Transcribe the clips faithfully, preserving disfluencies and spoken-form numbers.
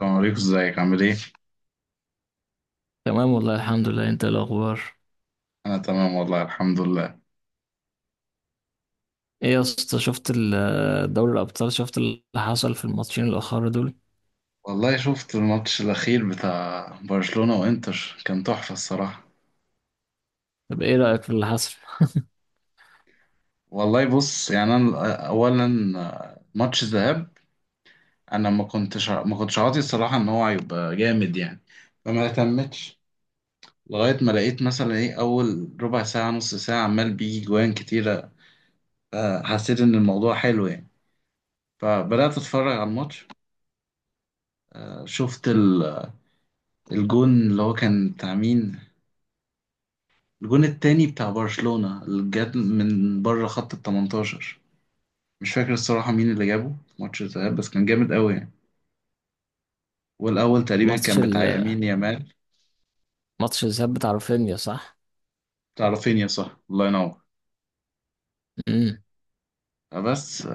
السلام عليكم، ازيك؟ عامل ايه؟ تمام والله الحمد لله، انت ايه الاخبار؟ انا تمام والله الحمد لله. ايه يا اسطى، شفت ال- دوري الابطال؟ شفت اللي حصل في الماتشين الاخر دول؟ والله شفت الماتش الاخير بتاع برشلونة وانتر، كان تحفة الصراحة. طب ايه رايك في اللي حصل؟ والله بص يعني، انا اولا ماتش ذهاب، انا ما كنتش ما كنتش عاطي الصراحة ان هو هيبقى جامد يعني، فما اهتمتش. لغاية ما لقيت مثلا ايه اول ربع ساعة نص ساعة عمال بيجي جوان كتيرة، آه، حسيت ان الموضوع حلو يعني، فبدأت اتفرج على الماتش. شفت ال- الجون اللي هو كان بتاع مين، الجون التاني بتاع برشلونة اللي جاب من بره خط ال تمنتاشر. مش فاكر الصراحة مين اللي جابه في ماتش الذهاب، بس كان جامد قوي يعني. والأول تقريبا ماتش كان ال- بتاع يمين يامال. ماتش الذهاب بتاع رافينيا، صح؟ بتاع رافينيا، صح، الله ينور. امم. بس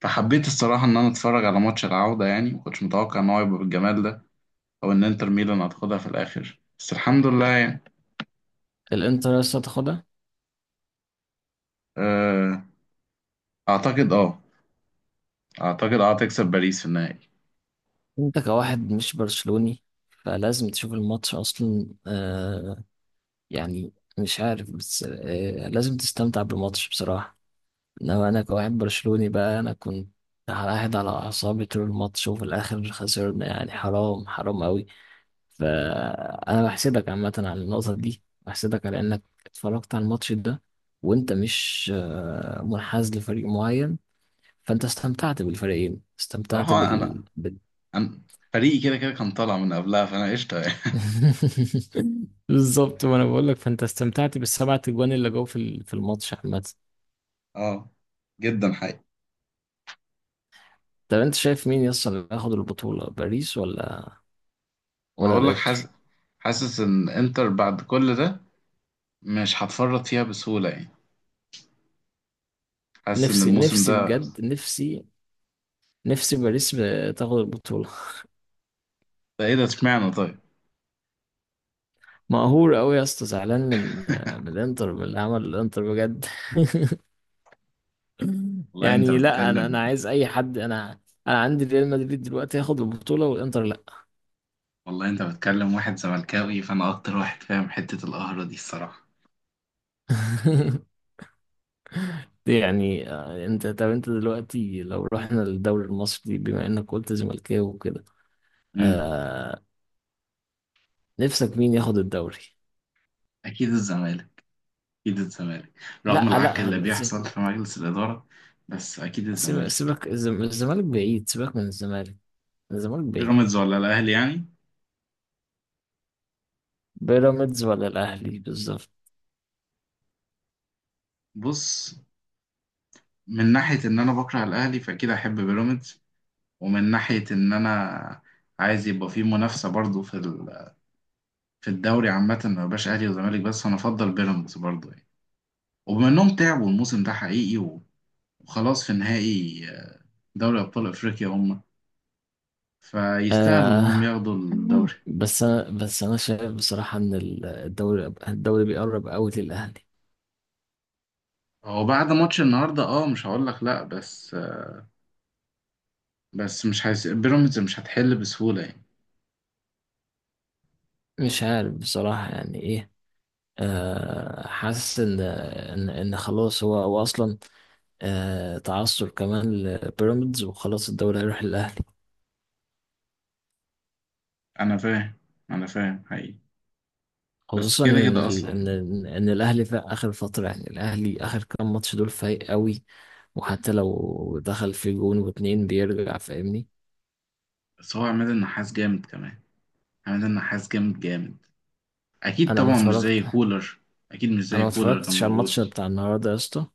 فحبيت الصراحة إن أنا أتفرج على ماتش العودة، يعني مكنتش متوقع إن هو يبقى بالجمال ده، أو إن إنتر ميلان هتاخدها في الآخر، بس الحمد لله يعني. الانتر لسه تاخدها. آه، أعتقد أه، أعتقد أه تكسب باريس في النهائي. انت كواحد مش برشلوني فلازم تشوف الماتش اصلا، آه يعني، مش عارف، بس آه لازم تستمتع بالماتش بصراحه. انما انا كواحد برشلوني بقى، انا كنت قاعد على اعصابي طول الماتش، وفي الاخر خسرنا يعني، حرام حرام قوي. فانا بحسدك عامه على النقطه دي، بحسدك على انك اتفرجت على الماتش ده وانت مش آه، منحاز لفريق معين. فانت استمتعت بالفريقين، استمتعت صراحة بال, أنا، بال... أنا فريقي كده كده كان طالع من قبلها، فأنا قشطة يعني. بالظبط، ما انا بقول لك، فانت استمتعت بالسبعة اجوان اللي جو في ال- في الماتش عامه. أه، جدا حقيقي. طب انت شايف مين يصل، اللي ياخد البطوله باريس ولا ولا اقول لك، الانتر؟ حاسس، حاسس ان انتر بعد كل ده مش هتفرط فيها بسهولة يعني. حاسس ان نفسي الموسم نفسي ده، بجد، نفسي نفسي باريس تاخد البطوله. ده ايه ده؟ اشمعنى طيب؟ مقهور قوي يا اسطى، زعلان من من الانتر، من اللي عمل الانتر بجد. والله انت يعني لا، انا انا بتكلم، عايز اي حد، انا انا عندي ريال مدريد دلوقتي ياخد البطولة والانتر لا. والله انت بتكلم واحد زملكاوي، فانا اكتر واحد فاهم حتة القهرة دي الصراحة. دي يعني آه، انت طب انت دلوقتي لو رحنا للدوري المصري، بما انك قلت زملكاوي وكده. امم، آه، نفسك مين ياخد الدوري؟ اكيد الزمالك، اكيد الزمالك، رغم لا، العك اللي لا، س- بيحصل في مجلس الإدارة. بس اكيد سيب- الزمالك. سيبك، الزم- الزمالك بعيد، سيبك من الزمالك، الزمالك بعيد. بيراميدز ولا الاهلي يعني؟ بيراميدز ولا الاهلي، بالظبط. بص، من ناحية ان انا بكره الاهلي، فاكيد احب بيراميدز. ومن ناحية ان انا عايز يبقى فيه منافسة برضو في ال، في الدوري عامة، ما بقاش أهلي وزمالك بس، أنا أفضل بيراميدز برضه يعني. وبما إنهم تعبوا الموسم ده حقيقي، وخلاص في نهائي دوري أبطال أفريقيا هم، فيستاهلوا إنهم آه، ياخدوا الدوري. بس انا بس انا شايف بصراحه ان ال- الدوري الدوري بيقرب قوي للاهلي. هو بعد ماتش النهاردة أه، مش هقول لك لأ، بس بس مش هيس... بيراميدز مش هتحل بسهولة يعني. مش عارف بصراحه يعني ايه. آه حاسس ان ان ان خلاص، هو هو اصلا آه تعثر كمان لبيراميدز، وخلاص الدوري هيروح للاهلي. أنا فاهم، أنا فاهم حقيقي. بس خصوصا كده ان كده ال- ان أصلا. ان إن الاهلي في اخر فتره، يعني الاهلي اخر كام ماتش دول فايق قوي. وحتى لو دخل في جون واتنين بيرجع، فاهمني. بس هو عماد النحاس جامد كمان، عماد النحاس جامد جامد. أكيد انا ما طبعا مش زي اتفرجت كولر. أكيد مش انا زي ما كولر كان اتفرجتش على موجود. الماتش بتاع النهارده يا اسطى،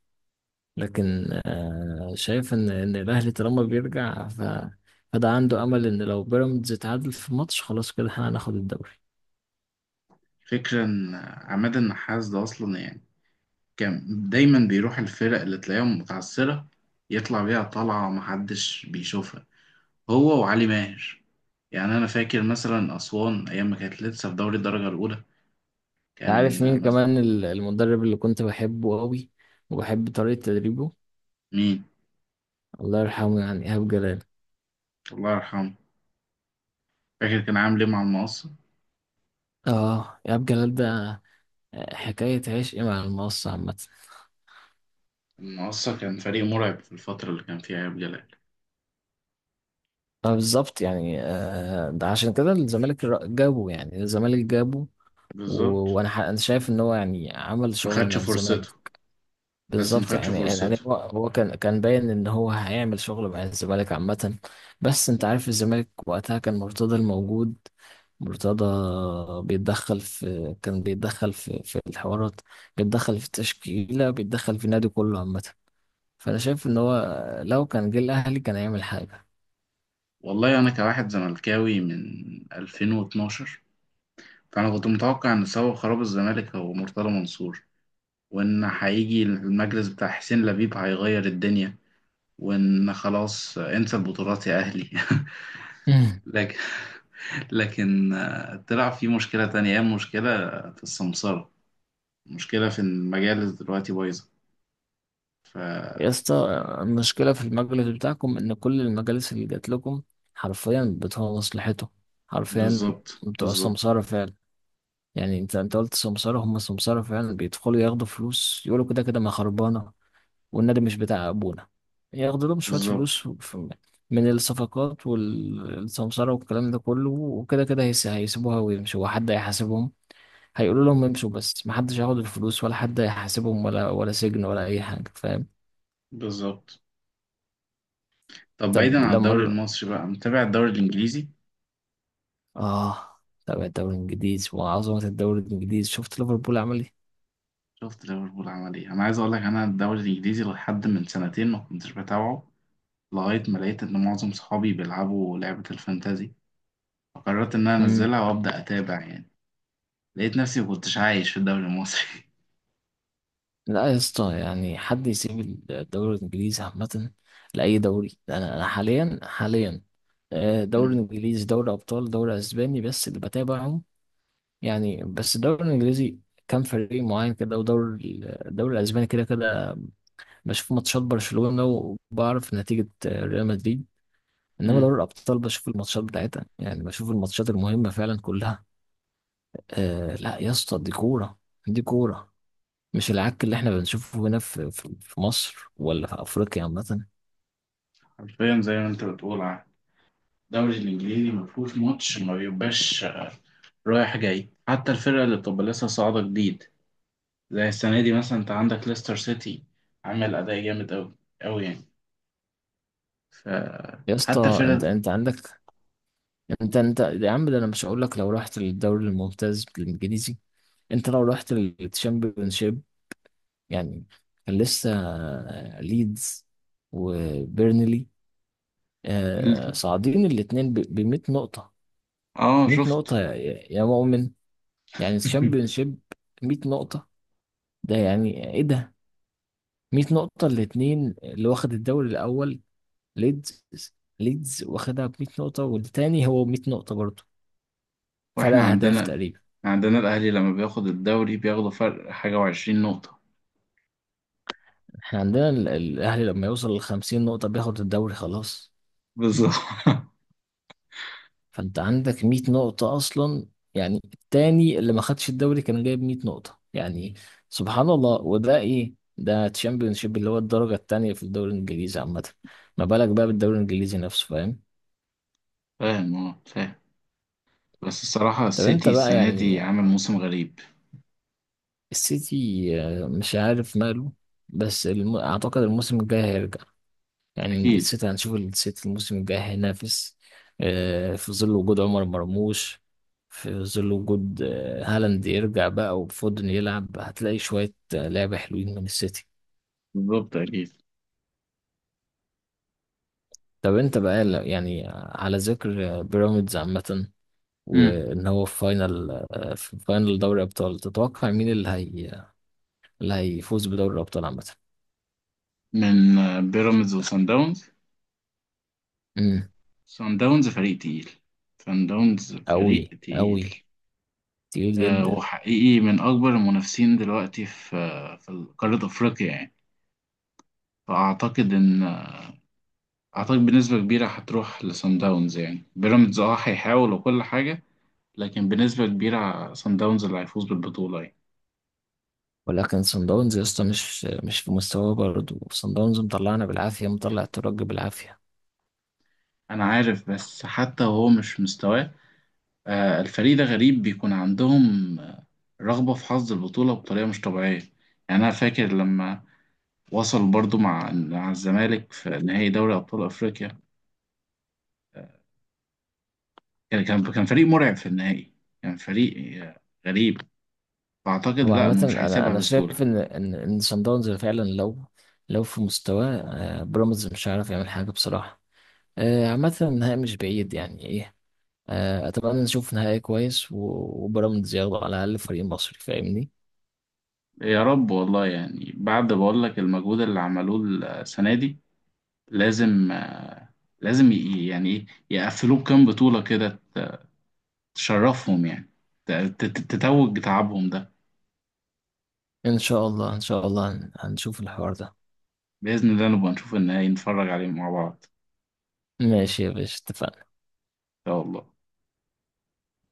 لكن آه، شايف ان ان الاهلي طالما بيرجع ف فده عنده امل ان لو بيراميدز اتعادل في ماتش، خلاص كده احنا هناخد الدوري. فكرة إن عماد النحاس ده أصلا يعني، كان دايما بيروح الفرق اللي تلاقيهم متعثرة، يطلع بيها طلعة محدش بيشوفها، هو وعلي ماهر. يعني أنا فاكر مثلا أسوان أيام ما كانت لسه في دوري الدرجة الأولى، انت كان عارف مين مثلا كمان ال- المدرب اللي كنت بحبه قوي، وبحب طريقة تدريبه؟ مين. الله يرحمه، يعني ايهاب جلال. الله يرحمه. فاكر كان عامل إيه مع المقصة؟ اه ايهاب جلال ده حكاية عشق مع المقصة عامة. المقصة كان فريق مرعب في الفترة اللي كان فيها إيهاب جلال. آه، بالظبط يعني، آه، ده عشان كده الزمالك را- جابه، يعني الزمالك جابه. و- بالظبط. وانا ح- انا شايف ان هو يعني عمل ما شغل خدش مع الزمالك. فرصته. بس ما بالظبط خدش يعني، فرصته. يعني هو هو كان كان باين ان هو هيعمل شغل مع الزمالك عامة. بس انت عارف الزمالك وقتها كان مرتضى الموجود. مرتضى بيتدخل في كان بيتدخل في في الحوارات، بيتدخل في التشكيلة، بيتدخل في النادي كله عامة. فانا شايف ان هو لو كان جه الاهلي كان هيعمل حاجة. والله أنا كواحد زملكاوي من ألفين واتناشر، فأنا كنت متوقع إن سبب خراب الزمالك هو مرتضى منصور، وإن هيجي المجلس بتاع حسين لبيب هيغير الدنيا، وإن خلاص انسى البطولات يا أهلي. مم. لكن، لكن آه، طلع في مشكلة تانية، هي مشكلة في السمسرة، مشكلة في المجالس دلوقتي بايظة. يا فبالظبط، اسطى، المشكلة في المجلس بتاعكم ان كل المجالس اللي جات لكم حرفيا بتوع مصلحته، حرفيا بالظبط، بتوع بالظبط، سمسارة فعلا. يعني انت انت قلت سمسارة، هم سمسارة فعلا، بيدخلوا ياخدوا فلوس يقولوا كده كده ما خربانة، والنادي مش بتاع ابونا. ياخدوا لهم شوية بالظبط، فلوس في- من الصفقات والسمسارة والكلام ده كله، وكده كده هيس- هيسيبوها ويمشوا، وحد هيحاسبهم؟ هيقولوا لهم امشوا، بس محدش هياخد الفلوس ولا حد هيحاسبهم، ولا ولا سجن ولا اي حاجة، فاهم. بالظبط. طب بعيدا طب عن لما الدوري ال- المصري بقى، متابع الدوري الإنجليزي؟ اه تابع الدوري الانجليزي وعظمة الدوري الانجليزي، شفت ليفربول عمل شفت ليفربول عمل إيه؟ أنا عايز أقول لك، أنا الدوري الإنجليزي لحد من سنتين ما كنتش بتابعه، لغاية ما لقيت إن معظم صحابي بيلعبوا لعبة الفانتازي، فقررت إن أنا ايه؟ أنزلها وأبدأ أتابع يعني. لقيت نفسي مكنتش عايش في الدوري المصري. لا يا اسطى، يعني حد يسيب الدوري الانجليزي عامة لأي دوري؟ انا انا حاليا، حاليا آه، دوري أمم، انجليزي، دوري ابطال، دوري اسباني، بس اللي بتابعهم. يعني بس الدوري الانجليزي كان فريق معين كده، ودوري ال- الدوري الاسباني كده كده بشوف ماتشات برشلونة، وبعرف نتيجة آه، ريال مدريد. انما أمم. دوري الابطال بشوف الماتشات بتاعتها، يعني بشوف الماتشات المهمة فعلا كلها. آه، لا يا اسطى، دي كورة، دي كورة. مش العك اللي احنا بنشوفه هنا في في في مصر، ولا في افريقيا عامة. حرفيا زي ما أنت بتقول، ع- الدوري الإنجليزي مفهوش ماتش ما بيبقاش رايح جاي، حتى الفرقة اللي بتبقى لسه صاعدة جديد، زي السنة دي مثلا أنت عندك ليستر سيتي، عامل أداء جامد أوي، أوي يعني. ف، يا حتى اسطى، انت الفرقة انت عندك، انت انت يا عم، ده انا مش هقول لك لو رحت للدوري الممتاز الانجليزي، انت لو رحت للتشامبيونشيب يعني، كان لسه آه، ليدز وبيرنلي آه، ال- صاعدين الاثنين ب مية نقطة، آه مئة شفت. نقطة يا يا مؤمن، يعني التشامبيونشيب مية نقطة، ده يعني ايه ده! مية نقطة الاثنين، اللي واخد الدوري الاول ليدز، ليدز واخدها ب مئة نقطة، والتاني هو مية نقطة برضه، فرق واحنا أهداف عندنا، تقريبا. عندنا الاهلي لما بياخد الدوري بياخدوا فرق حاجه وعشرين نقطه. احنا عندنا ال- الأهلي لما يوصل لخمسين نقطة بياخد الدوري خلاص. بالظبط. فأنت عندك مية نقطة أصلا، يعني التاني اللي ما خدش الدوري كان جايب مئة نقطة يعني. سبحان الله! وده إيه ده، تشامبيونشيب اللي هو الدرجة التانية في الدوري الإنجليزي عامة. ما بالك بقى بالدوري الإنجليزي نفسه، فاهم. فاهم، اه فاهم. بس الصراحه طب أنت السيتي بقى السنه يعني، دي عامل موسم غريب. السيتي آه، مش عارف ماله. بس الم... أعتقد الموسم الجاي هيرجع، يعني اكيد. السيتي، هنشوف السيتي الموسم الجاي هينافس. آه، في ظل وجود عمر مرموش، في ظل وجود آه، هالاند يرجع بقى، وفودن يلعب، هتلاقي شوية آه، لعبة حلوين من السيتي. بالظبط اكيد. طب انت بقى ل- يعني على ذكر آه، بيراميدز عامة، مم. وان هو في فاينل، آه، في فاينل دوري ابطال، تتوقع مين اللي هي اللي هيفوز بدوري الابطال عامة؟ من آه، بيراميدز وسان داونز. امم. سان داونز فريق تقيل، سان داونز فريق قوي تقيل. قوي، تقيل آه جدا. وحقيقي من اكبر المنافسين دلوقتي في آه، في قاره افريقيا يعني. فاعتقد ان، اعتقد بنسبه كبيره هتروح لسان داونز، يعني بيراميدز اه هيحاول وكل حاجه، لكن بنسبة كبيرة صن داونز اللي هيفوز بالبطولة يعني. ولكن صن داونز يا اسطى مش مش في مستواه برضه، صن داونز مطلعنا بالعافيه، مطلع الترجي بالعافيه. أنا عارف، بس حتى وهو مش مستواه، آه، الفريق ده غريب، بيكون عندهم آه، رغبة في حظ البطولة بطريقة مش طبيعية. يعني أنا فاكر لما وصل برضو مع مع الزمالك في نهائي دوري أبطال أفريقيا، كان كان كان فريق مرعب في النهائي، كان فريق آه، غريب. فأعتقد هو لأ عامه إنه مش انا هيسيبها انا شايف بسهولة. ان ان ان صن داونز فعلا لو لو في مستواه آه، بيراميدز مش هيعرف يعمل حاجه بصراحه. آه، عامه النهائي مش بعيد، يعني ايه. آه، اتمنى نشوف نهائي كويس و- وبيراميدز ياخده، على الاقل فريق مصري، فاهمني. يا رب والله، يعني بعد بقول لك المجهود اللي عملوه السنة دي، لازم آه، لازم ي- يعني ايه يقفلوه كام بطولة كده تشرفهم يعني. ت- ت- تتوج تعبهم ده. ان شاء الله ان شاء الله هن- هنشوف الحوار ده. بإذن الله نبقى نشوف النهائي نتفرج عليه مع بعض ماشي يا باشا، اتفقنا. إن شاء الله.